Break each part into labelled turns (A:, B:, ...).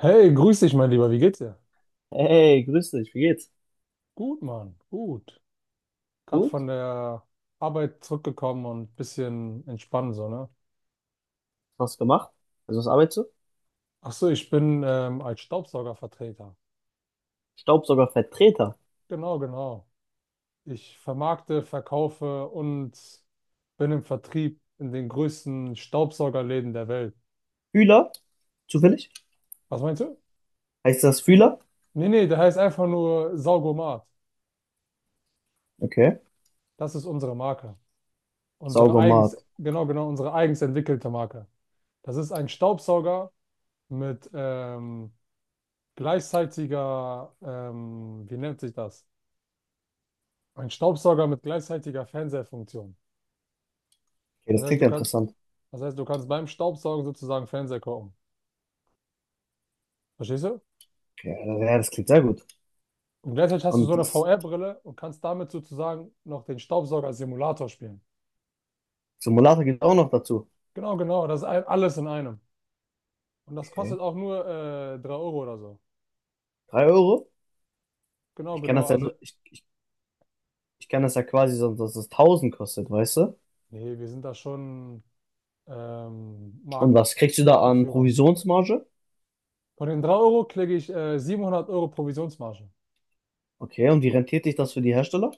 A: Hey, grüß dich, mein Lieber. Wie geht's dir?
B: Hey, grüß dich, wie geht's?
A: Gut, Mann. Gut. Gerade
B: Gut?
A: von der Arbeit zurückgekommen und ein bisschen entspannen, so, ne?
B: Was gemacht? Also was arbeitest du?
A: Ach so, ich bin als Staubsaugervertreter.
B: Staubsaugervertreter.
A: Genau, genau. Ich vermarkte, verkaufe und bin im Vertrieb in den größten Staubsaugerläden der Welt.
B: Fühler? Zufällig?
A: Was meinst du?
B: Heißt das Fühler?
A: Nee, nee, der heißt einfach nur Saugomat.
B: Okay.
A: Das ist unsere Marke. Unsere
B: Saugomat.
A: eigens, genau, genau, unsere eigens entwickelte Marke. Das ist ein Staubsauger mit gleichzeitiger, wie nennt sich das? Ein Staubsauger mit gleichzeitiger Fernsehfunktion.
B: Okay,
A: Das
B: das
A: heißt,
B: klingt
A: du
B: ja
A: kannst,
B: interessant.
A: Das heißt, du kannst beim Staubsaugen sozusagen Fernseher gucken. Verstehst du?
B: Okay, ja, das klingt sehr gut.
A: Und gleichzeitig hast du so
B: Und
A: eine
B: das
A: VR-Brille und kannst damit sozusagen noch den Staubsauger als Simulator spielen.
B: Simulator geht auch noch dazu.
A: Genau, genau, das ist ein, alles in einem. Und das
B: Okay.
A: kostet auch nur 3 € oder so.
B: Drei Euro?
A: Genau,
B: Ich kann
A: genau,
B: das ja nur,
A: also,
B: ich, ich, ich kann das ja quasi so, dass es tausend kostet, weißt du?
A: nee, wir sind da schon ähm,
B: Und
A: Mark
B: was kriegst du da an
A: Markenführer.
B: Provisionsmarge?
A: Von den 3 € kriege ich 700 € Provisionsmarge.
B: Okay, und wie rentiert sich das für die Hersteller?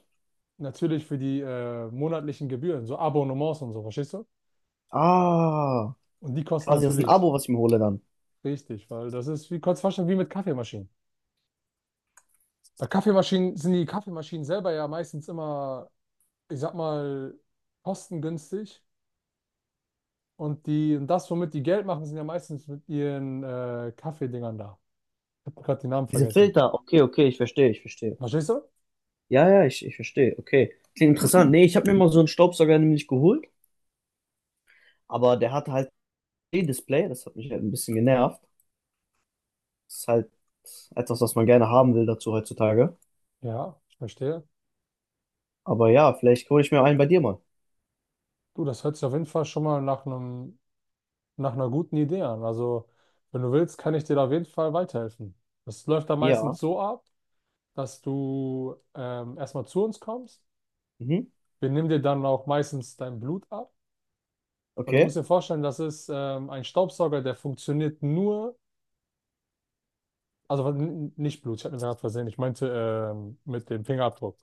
A: Natürlich für die monatlichen Gebühren, so Abonnements und so, verstehst du?
B: Ah,
A: Und die kosten
B: quasi das ist ein
A: natürlich
B: Abo, was ich mir hole dann.
A: richtig, weil das ist wie kurz fast schon wie mit Kaffeemaschinen. Bei Kaffeemaschinen sind die Kaffeemaschinen selber ja meistens immer, ich sag mal, kostengünstig. Und das, womit die Geld machen, sind ja meistens mit ihren Kaffeedingern da. Ich habe gerade die Namen
B: Diese
A: vergessen.
B: Filter, okay, okay, ich verstehe, ich verstehe.
A: Verstehst du?
B: Ja, ja, ich verstehe. Okay. Klingt interessant. Nee, ich habe mir mal so einen Staubsauger nämlich geholt, aber der hatte halt E-Display, das hat mich halt ein bisschen genervt. Das ist halt etwas, was man gerne haben will dazu heutzutage.
A: Ja, ich verstehe.
B: Aber ja, vielleicht hole ich mir einen bei dir mal.
A: Du, das hört sich auf jeden Fall schon mal nach einer guten Idee an. Also, wenn du willst, kann ich dir da auf jeden Fall weiterhelfen. Das läuft dann
B: Ja.
A: meistens so ab, dass du erstmal zu uns kommst.
B: Mhm.
A: Wir nehmen dir dann auch meistens dein Blut ab, weil du musst
B: Okay.
A: dir vorstellen, das ist ein Staubsauger, der funktioniert nur, also nicht Blut, ich habe mir gerade versehen, ich meinte mit dem Fingerabdruck.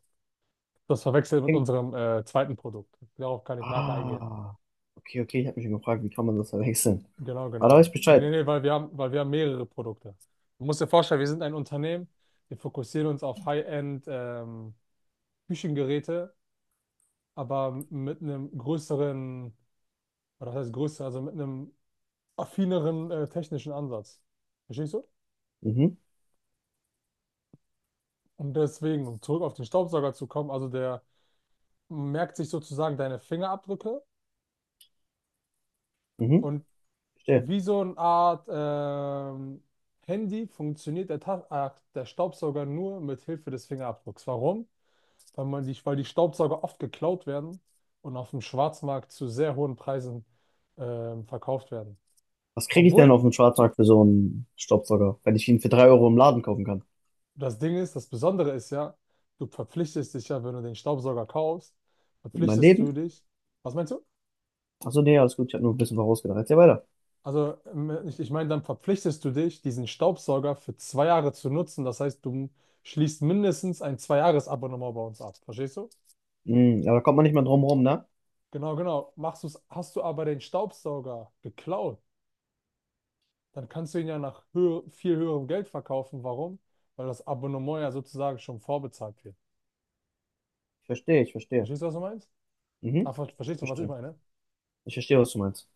A: Das verwechselt mit
B: Ping.
A: unserem zweiten Produkt. Darauf kann ich nachher eingehen.
B: Ah. Okay, okay, ich habe mich schon gefragt, wie kann man das verwechseln?
A: Genau,
B: Aber da weiß
A: genau.
B: ich
A: Nee, nee,
B: Bescheid.
A: nee, weil wir haben mehrere Produkte. Du musst dir vorstellen, wir sind ein Unternehmen, wir fokussieren uns auf High-End Küchengeräte, aber mit einem größeren, oder das heißt größer, also mit einem affineren technischen Ansatz. Verstehst du?
B: Mhm.
A: Und deswegen, um zurück auf den Staubsauger zu kommen, also der merkt sich sozusagen deine Fingerabdrücke
B: Mhm.
A: und
B: Verstehe.
A: wie so eine Art Handy funktioniert der Staubsauger nur mit Hilfe des Fingerabdrucks. Warum? Weil die Staubsauger oft geklaut werden und auf dem Schwarzmarkt zu sehr hohen Preisen verkauft werden.
B: Was kriege ich denn
A: Obwohl
B: auf dem Schwarzmarkt für so einen Staubsauger, wenn ich ihn für 3 Euro im Laden kaufen kann?
A: das Ding ist, das Besondere ist ja, du verpflichtest dich ja, wenn du den Staubsauger kaufst,
B: Mit meinem
A: verpflichtest du
B: Leben?
A: dich. Was meinst du?
B: Achso, nee, alles gut, ich habe nur ein bisschen vorausgedacht. Erzähl weiter.
A: Also ich meine, dann verpflichtest du dich, diesen Staubsauger für 2 Jahre zu nutzen. Das heißt, du schließt mindestens ein Zwei-Jahres-Abonnement bei uns ab. Verstehst du?
B: Mhm, aber da kommt man nicht mehr drum rum, ne?
A: Genau, genau. Machst du's, hast du aber den Staubsauger geklaut, dann kannst du ihn ja nach viel höherem Geld verkaufen. Warum? Weil das Abonnement ja sozusagen schon vorbezahlt wird.
B: Ich verstehe, ich verstehe.
A: Verstehst du, was du meinst? Ah,
B: Mhm. Ich
A: verstehst du, was ich
B: verstehe.
A: meine?
B: Ich verstehe, was du meinst.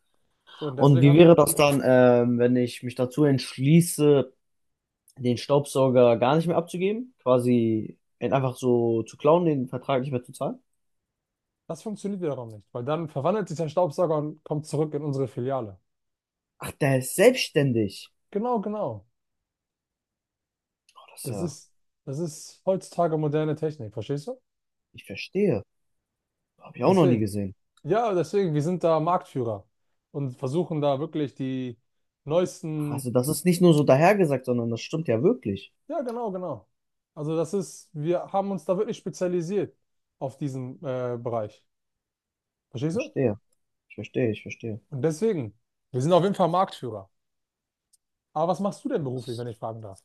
A: So, und
B: Und
A: deswegen
B: wie wäre das dann, wenn ich mich dazu entschließe, den Staubsauger gar nicht mehr abzugeben? Quasi ihn einfach so zu klauen, den Vertrag nicht mehr zu zahlen?
A: das funktioniert wiederum nicht, weil dann verwandelt sich dein Staubsauger und kommt zurück in unsere Filiale.
B: Ach, der ist selbstständig.
A: Genau, genau.
B: Boah, das ist
A: Das
B: ja,
A: ist, das ist heutzutage moderne Technik, verstehst du?
B: ich verstehe. Habe ich auch noch nie
A: Deswegen.
B: gesehen.
A: Ja, deswegen, wir sind da Marktführer und versuchen da wirklich die
B: Ach,
A: neuesten.
B: also das ist nicht nur so dahergesagt, sondern das stimmt ja wirklich.
A: Ja, genau, genau. Also das ist, wir haben uns da wirklich spezialisiert auf diesen Bereich.
B: Ich
A: Verstehst du?
B: verstehe. Ich verstehe, ich verstehe.
A: Und deswegen, wir sind auf jeden Fall Marktführer. Aber was machst du denn beruflich, wenn ich fragen darf?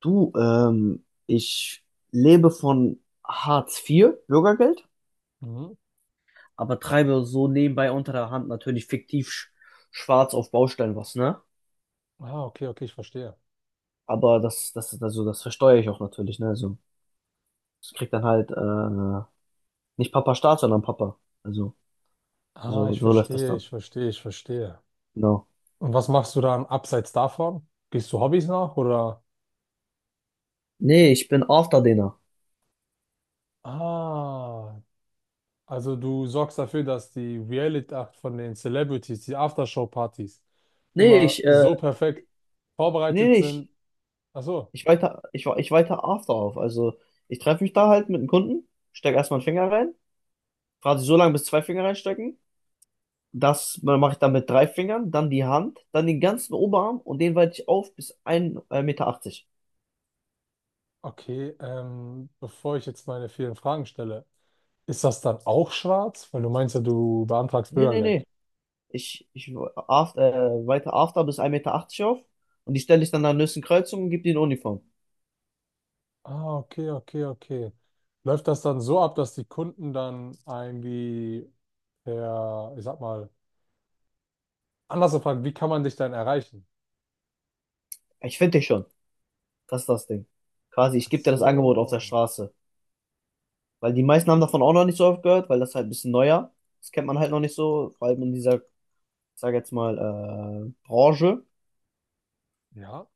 B: Du, ich lebe von Hartz IV, Bürgergeld,
A: Mhm.
B: aber treibe so nebenbei unter der Hand natürlich fiktiv schwarz auf Baustellen was, ne?
A: Ah, okay, okay, ich verstehe.
B: Aber das, also das versteuere ich auch natürlich, ne? Also, ich krieg dann halt, nicht Papa Staat, sondern Papa. Also,
A: Ah,
B: so,
A: ich
B: so läuft das
A: verstehe,
B: dann.
A: ich verstehe, ich verstehe.
B: Genau.
A: Und was machst du dann abseits davon? Gehst du Hobbys nach oder?
B: Nee, ich bin Afterdinner.
A: Ah, also du sorgst dafür, dass die Reality Act von den Celebrities, die Aftershow-Partys,
B: Nee,
A: immer
B: ich, äh,
A: so perfekt
B: nee,
A: vorbereitet
B: nee, ich,
A: sind. Ach so,
B: ich weiter, ich, ich weiter After auf. Also, ich treffe mich da halt mit einem Kunden, steck erstmal einen Finger rein, frage sie so lange, bis zwei Finger reinstecken. Das mache ich dann mit drei Fingern, dann die Hand, dann den ganzen Oberarm und den weite ich auf bis 1,80 Meter achtzig.
A: okay. Bevor ich jetzt meine vielen Fragen stelle, ist das dann auch schwarz? Weil du meinst ja, du beantragst
B: Nee, nee, nee.
A: Bürgergeld.
B: Ich after, weite After bis 1,80 Meter achtzig auf und die stelle ich dann an der nächsten Kreuzung und gebe die in Uniform.
A: Ah, okay, okay, okay. Läuft das dann so ab, dass die Kunden dann irgendwie per, ich sag mal, anders gefragt, wie kann man dich dann erreichen?
B: Ich finde dich schon. Das ist das Ding. Quasi, ich
A: Ach
B: gebe dir das Angebot auf der
A: so,
B: Straße. Weil die meisten haben davon auch noch nicht so oft gehört, weil das halt ein bisschen neuer. Das kennt man halt noch nicht so, vor allem in dieser, ich sag jetzt mal, Branche.
A: ja.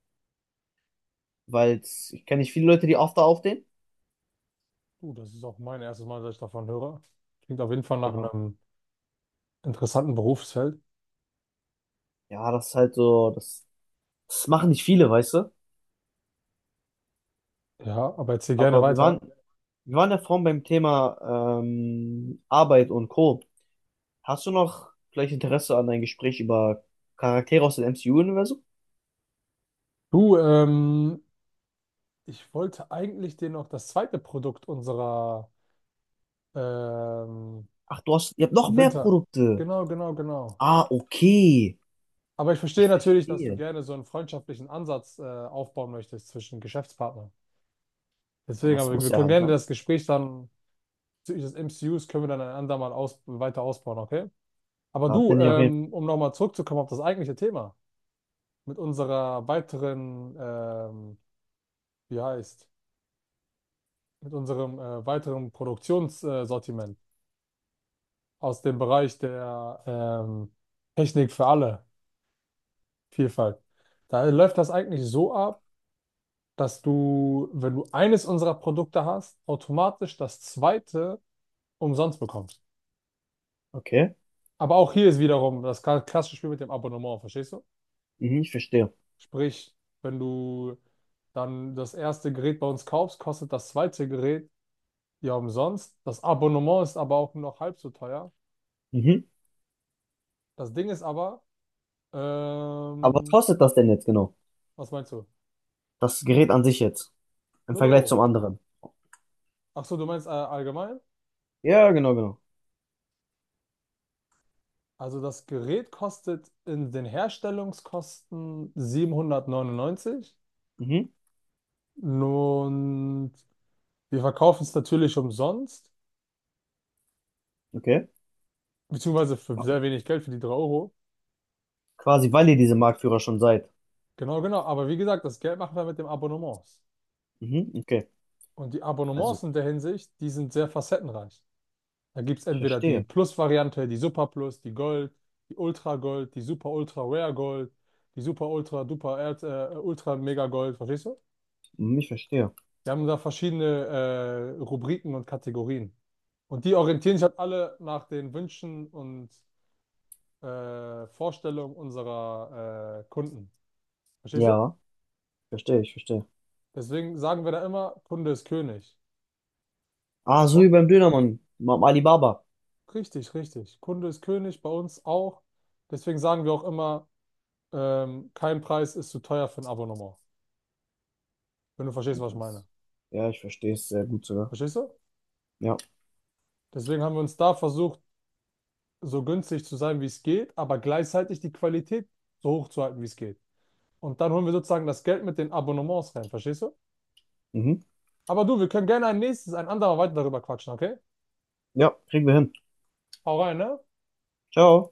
B: Weil ich kenne nicht viele Leute, die After aufdehnen.
A: Du, das ist auch mein erstes Mal, dass ich davon höre. Klingt auf jeden Fall nach
B: Genau.
A: einem interessanten Berufsfeld.
B: Ja, das ist halt so, das machen nicht viele, weißt du?
A: Ja, aber erzähl gerne
B: Aber wir waren,
A: weiter.
B: wir waren ja vorhin beim Thema Arbeit und Co. Hast du noch vielleicht Interesse an ein Gespräch über Charaktere aus dem MCU-Universum?
A: Du, ich wollte eigentlich dir noch das zweite Produkt unserer ähm,
B: Ach, ihr habt noch mehr
A: Winter.
B: Produkte.
A: Genau, genau, genau.
B: Ah, okay.
A: Aber ich verstehe
B: Ich
A: natürlich, dass du
B: verstehe.
A: gerne so einen freundschaftlichen Ansatz aufbauen möchtest zwischen Geschäftspartnern.
B: Ja,
A: Deswegen,
B: das
A: aber
B: muss
A: wir
B: ja
A: können
B: halt,
A: gerne
B: ne?
A: das Gespräch dann bezüglich des M C Us können wir dann ein andermal aus weiter ausbauen, okay? Aber
B: Da
A: du,
B: bin ich auf jeden Fall.
A: um nochmal zurückzukommen auf das eigentliche Thema. Mit wie heißt, mit unserem weiteren Produktionssortiment Sortiment aus dem Bereich der Technik für alle Vielfalt. Da läuft das eigentlich so ab, dass du, wenn du eines unserer Produkte hast, automatisch das zweite umsonst bekommst.
B: Okay.
A: Aber auch hier ist wiederum das klassische Spiel mit dem Abonnement, verstehst du?
B: Mhm, ich verstehe.
A: Sprich, wenn du dann das erste Gerät bei uns kaufst, kostet das zweite Gerät Ja, umsonst. Das Abonnement ist aber auch noch halb so teuer.
B: Mhm.
A: Das Ding ist aber,
B: Aber was
A: ähm,
B: kostet das denn jetzt genau?
A: was meinst du?
B: Das Gerät an sich jetzt. Im
A: Null
B: Vergleich zum
A: Euro.
B: anderen.
A: Ach so, du meinst allgemein?
B: Ja, genau, genau.
A: Also das Gerät kostet in den Herstellungskosten 799
B: Mhm.
A: und wir verkaufen es natürlich umsonst,
B: Okay.
A: beziehungsweise für sehr wenig Geld, für die 3 Euro.
B: Quasi, weil ihr diese Marktführer schon seid.
A: Genau, genau. Aber wie gesagt, das Geld machen wir mit dem Abonnements.
B: Mhm, okay.
A: Und die
B: Also.
A: Abonnements in der Hinsicht, die sind sehr facettenreich. Da gibt es
B: Ich
A: entweder die
B: verstehe.
A: Plus-Variante, die Super Plus, die Gold, die Ultra Gold, die Super Ultra Rare Gold, die Super Ultra Duper Ultra Mega Gold, verstehst du?
B: Hm, ich verstehe.
A: Wir haben da verschiedene Rubriken und Kategorien. Und die orientieren sich halt alle nach den Wünschen und Vorstellungen unserer Kunden. Verstehst du?
B: Ja, verstehe, ich verstehe.
A: Deswegen sagen wir da immer, Kunde ist König.
B: Ah, so wie
A: Oh,
B: beim Dönermann. Beim Alibaba.
A: richtig, richtig. Kunde ist König, bei uns auch. Deswegen sagen wir auch immer, kein Preis ist zu teuer für ein Abonnement. Wenn du verstehst, was ich meine.
B: Ja, ich verstehe es sehr gut sogar.
A: Verstehst du?
B: Ja.
A: Deswegen haben wir uns da versucht, so günstig zu sein, wie es geht, aber gleichzeitig die Qualität so hoch zu halten, wie es geht. Und dann holen wir sozusagen das Geld mit den Abonnements rein, verstehst du?
B: Mhm.
A: Aber du, wir können gerne ein andermal weiter darüber quatschen, okay?
B: Ja, kriegen wir hin.
A: Hau rein, ne?
B: Ciao.